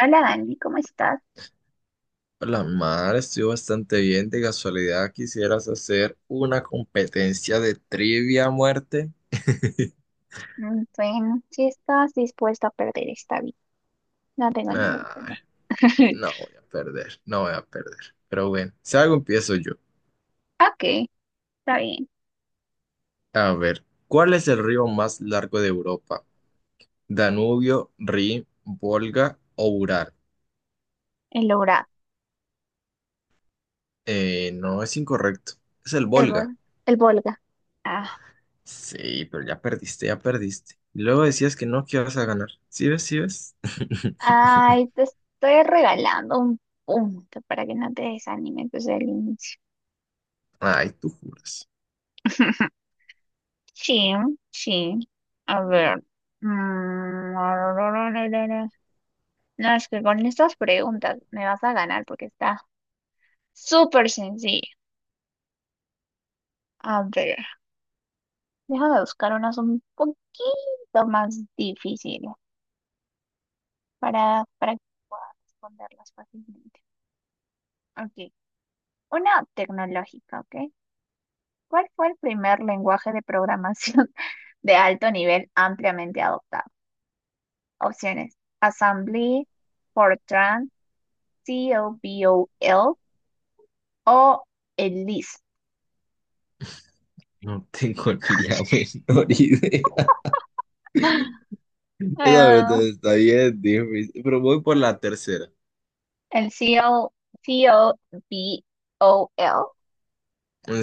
Hola Dani, ¿cómo estás? La mar, estoy bastante bien. De casualidad, ¿quisieras hacer una competencia de trivia a muerte? Bueno, si estás dispuesta a perder esta vida, no tengo ningún Ay, problema. no voy a perder, no voy a perder. Pero bueno, si algo empiezo yo. Ok, está bien. A ver, ¿cuál es el río más largo de Europa? ¿Danubio, Rin, Volga o Ural? El logrado, No, es incorrecto. Es el el, Volga. Vol- el Volga. Ah, Sí, pero ya perdiste, ya perdiste. Y luego decías que no, que ibas a ganar. ¿Sí ves, sí ves? ay, te estoy regalando un punto para que no te desanimes desde el inicio. Ay, tú juras. Sí, sí. A ver. Mm, No, es que con estas preguntas me vas a ganar porque está súper sencillo. A ver. Déjame buscar unas un poquito más difíciles para que pueda responderlas fácilmente. Ok, una tecnológica, ¿ok? ¿Cuál fue el primer lenguaje de programación de alto nivel ampliamente adoptado? Opciones: Assembly, Fortran, COBOL o el LIS. No tengo ni la menor idea. Esa pregunta Ah, está bien difícil, pero voy por la tercera. el CO COBOL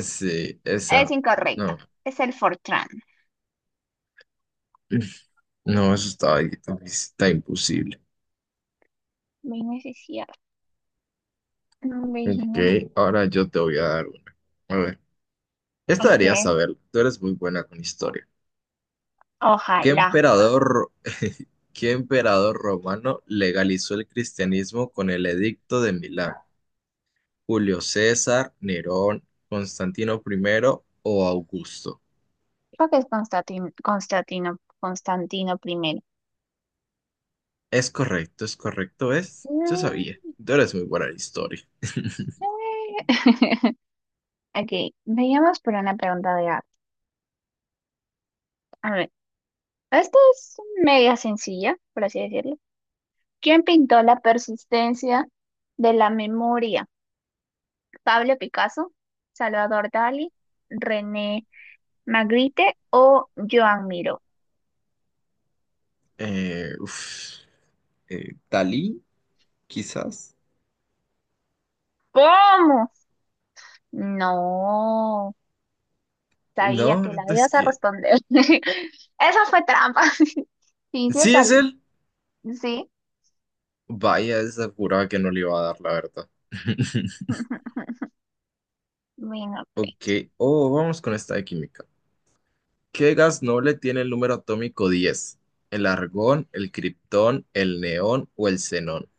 Sí, es esa. incorrecto, No, es el Fortran. no, eso está ahí, está imposible. Ven, ese sí. No, Virginia. Ok, ahora yo te voy a dar una. A ver, esta deberías Okay. saberlo. Tú eres muy buena con historia. ¿Qué Ojalá. emperador, qué emperador romano legalizó el cristianismo con el Edicto de Milán? ¿Julio César, Nerón, Constantino I o Augusto? Creo que es Constantino primero. Es correcto, es correcto, es. Yo No sabía, tú eres muy buena en historia. sé. Okay. Vayamos por una pregunta de arte. A ver, esta es media sencilla, por así decirlo. ¿Quién pintó la persistencia de la memoria? ¿Pablo Picasso, Salvador Dalí, René Magritte o Joan Miró? Uf, Dalí, quizás. ¿Cómo? No. Sabía No, que la es ibas a que... responder. Esa fue trampa. Sí, sí, Sí, está es bien. él. Sí. Vaya, esa juraba que no le iba a dar, la verdad. Bueno, ok. Ok, oh, vamos con esta de química. ¿Qué gas noble tiene el número atómico 10? ¿El argón, el criptón, el neón o el xenón?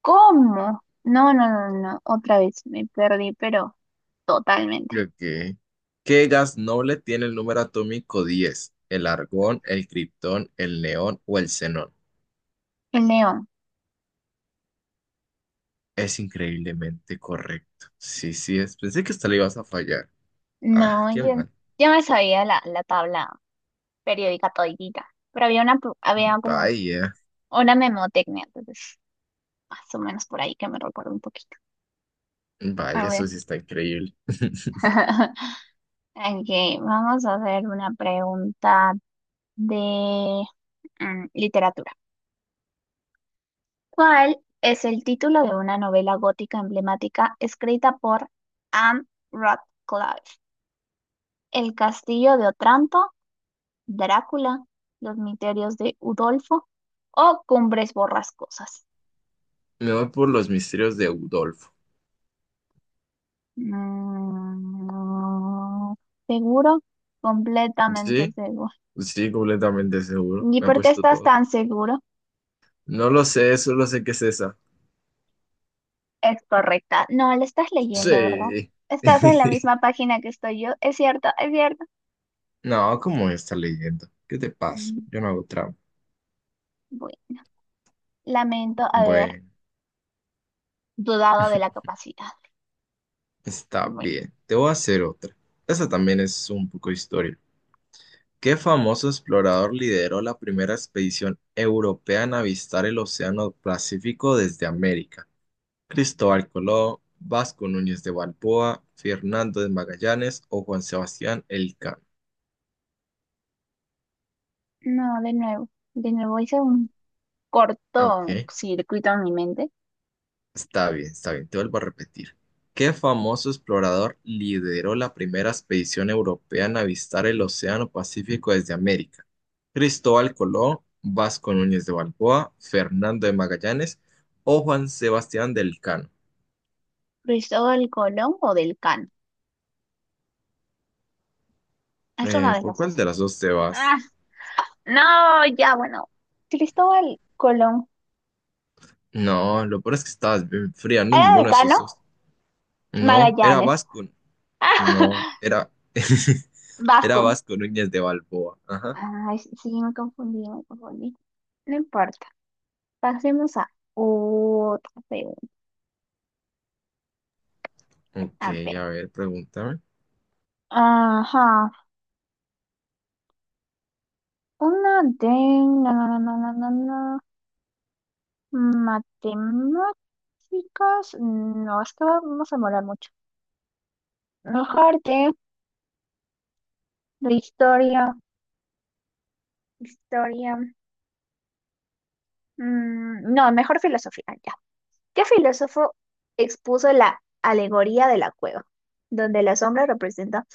¿Cómo? No, no, no, no. Otra vez me perdí, pero totalmente. Ok. ¿Qué gas noble tiene el número atómico 10? ¿El argón, el criptón, el neón o el xenón? El león. Es increíblemente correcto. Sí, sí, es. Pensé que hasta le ibas a fallar. Ah, No, qué mal. yo me sabía la tabla periódica toditita. Pero había había como Vaya, una memotecnia, entonces más o menos por ahí que me recuerdo un poquito. A vaya, ver. eso sí está increíble. Ok, vamos a hacer una pregunta de literatura. ¿Cuál es el título de una novela gótica emblemática escrita por Anne Radcliffe? ¿El castillo de Otranto, Drácula, los misterios de Udolfo o Cumbres Borrascosas? Me voy por los misterios de Udolfo. Mm, ¿Seguro? Completamente Sí, seguro. sí, completamente seguro. ¿Y Me ha por qué puesto estás todo. tan seguro? No lo sé, solo sé que es esa. Es correcta. No, la estás leyendo, ¿verdad? Estás en la Sí. misma página que estoy yo. Es cierto, es cierto. No, ¿cómo está leyendo? ¿Qué te pasa? Mm, Yo no hago trampa. Bueno, lamento haber Bueno, dudado de la capacidad. está Bueno, bien. Te voy a hacer otra. Esa también es un poco historia. ¿Qué famoso explorador lideró la primera expedición europea en avistar el Océano Pacífico desde América? ¿Cristóbal Colón, Vasco Núñez de Balboa, Fernando de Magallanes o Juan Sebastián Elcano? no, de nuevo hice un corto Ok, circuito en mi mente. Está bien, te vuelvo a repetir. ¿Qué famoso explorador lideró la primera expedición europea en avistar el Océano Pacífico desde América? ¿Cristóbal Colón, Vasco Núñez de Balboa, Fernando de Magallanes o Juan Sebastián del Elcano? ¿Cristóbal Colón o del Can? Es una de ¿Por las cuál dos. de las dos te vas? Ah, no, ya, bueno. Cristóbal Colón. No, lo peor es que estabas bien fría, no en ¿Era ninguno del de esos Cano? dos. No, era Magallanes. Vasco. No, era. Era Vasco. Vasco Núñez de Balboa. Ajá. Ay, sí, sí, me confundí. No importa. Pasemos a otra pregunta. Ok, A ver. a ver, pregúntame. Ajá. Una de... No, no, no, no, no, no. No. Matemáticas, no, es que vamos a demorar mucho. Ah, mejor de historia, historia. Mm, no, mejor filosofía, ya. ¿Qué filósofo expuso la alegoría de la cueva, donde la sombra representa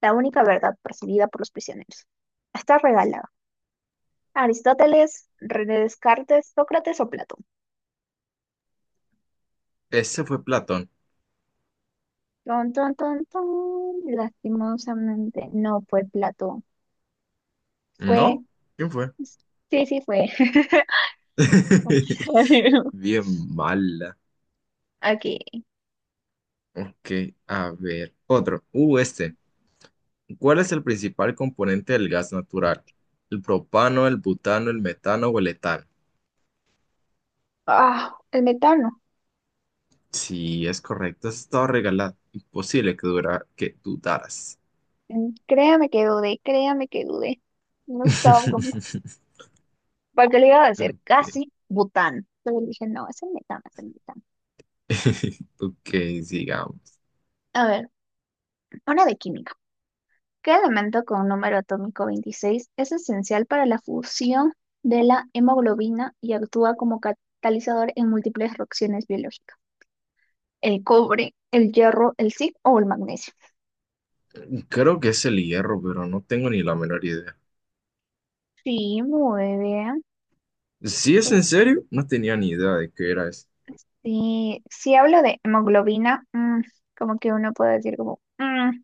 la única verdad percibida por los prisioneros? Está regalado. Aristóteles, René Descartes, Sócrates o Platón. Ese fue Platón. Ton, ton, ton, ton. Lastimosamente no fue Platón. Fue, ¿No? ¿Quién fue? sí, sí fue. Bien mala. Aquí. Ok, a ver. Otro. Este. ¿Cuál es el principal componente del gas natural? ¿El propano, el butano, el metano o el etano? Ah, el metano. Sí, es correcto. Eso estaba regalado. Imposible que dudaras. Créame que dudé, créame que dudé. No estaba como... ¿Para qué le iba a decir? Ok. Casi bután. Pero dije, no, es el metano, es el metano. Ok, sigamos. A ver, una de química. ¿Qué elemento con un número atómico 26 es esencial para la fusión de la hemoglobina y actúa como catalizador en múltiples reacciones biológicas? ¿El cobre, el hierro, el zinc o el magnesio? Creo que es el hierro, pero no tengo ni la menor idea. Sí, muy bien. Si es en serio, no tenía ni idea de qué era eso. Sí, si hablo de hemoglobina, mm, como que uno puede decir como, mm,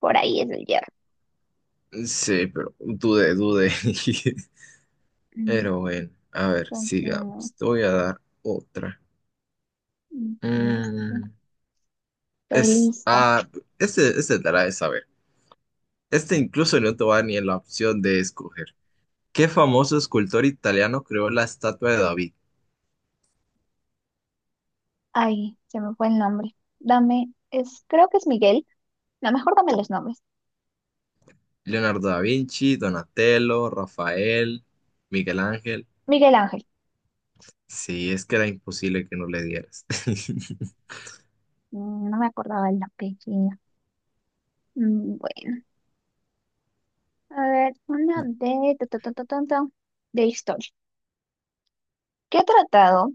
por ahí es el hierro. Sí, pero dudé, dudé. Mm, Pero bueno, a ver, Entonces, no, sigamos. Te voy a dar otra. aquí está, sí. Mm, Estoy es, lista. ah, este te la de saber. Este incluso no te va a dar ni la opción de escoger. ¿Qué famoso escultor italiano creó la estatua de David? Ay, se me fue el nombre. Creo que es Miguel. No, mejor dame los nombres. Leonardo da Vinci, Donatello, Rafael, Miguel Ángel. Miguel Ángel. Sí, es que era imposible que no le dieras. Mm, no me acordaba el apellido. Bueno, a ver, una de, tu, de historia. ¿Qué tratado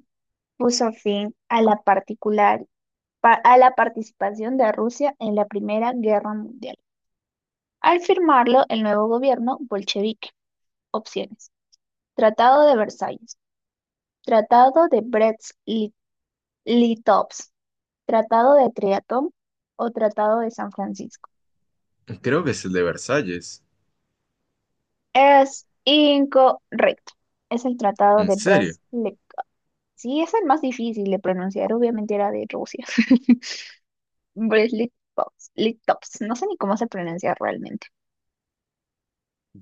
puso fin a la a la participación de Rusia en la Primera Guerra Mundial? Al firmarlo el nuevo gobierno bolchevique. Opciones. Tratado de Versalles, Tratado de Brest-Litovsk, Tratado de Triatón o Tratado de San Francisco. Creo que es el de Versalles. Es incorrecto. Es el Tratado ¿En de serio? Brest-Litovsk. Sí, es el más difícil de pronunciar, obviamente era de Rusia. Litovsk. No sé ni cómo se pronuncia realmente.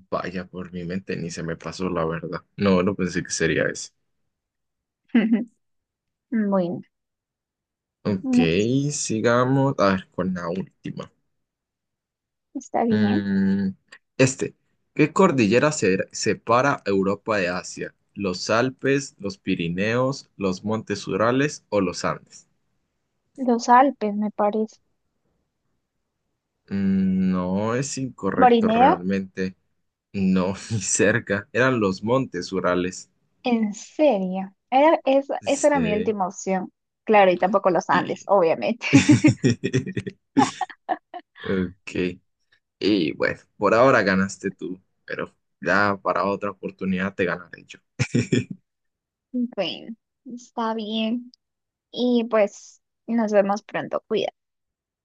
Vaya, por mi mente ni se me pasó la verdad. No, no pensé que sería ese. Bueno, Ok, no es- sigamos. A ver, con la última. está bien. Mm, este, ¿qué cordillera separa Europa de Asia? ¿Los Alpes, los Pirineos, los Montes Urales o los Andes? Los Alpes, me parece. No, es incorrecto Morinea, realmente. No, ni cerca. Eran los Montes Urales. en serio. Esa, esa era mi Sí. última opción. Claro, y tampoco los Andes, Y... obviamente. Ok. Y bueno, por ahora ganaste tú, pero ya para otra oportunidad te ganaré yo. Bueno, está bien. Y pues nos vemos pronto. Cuídate.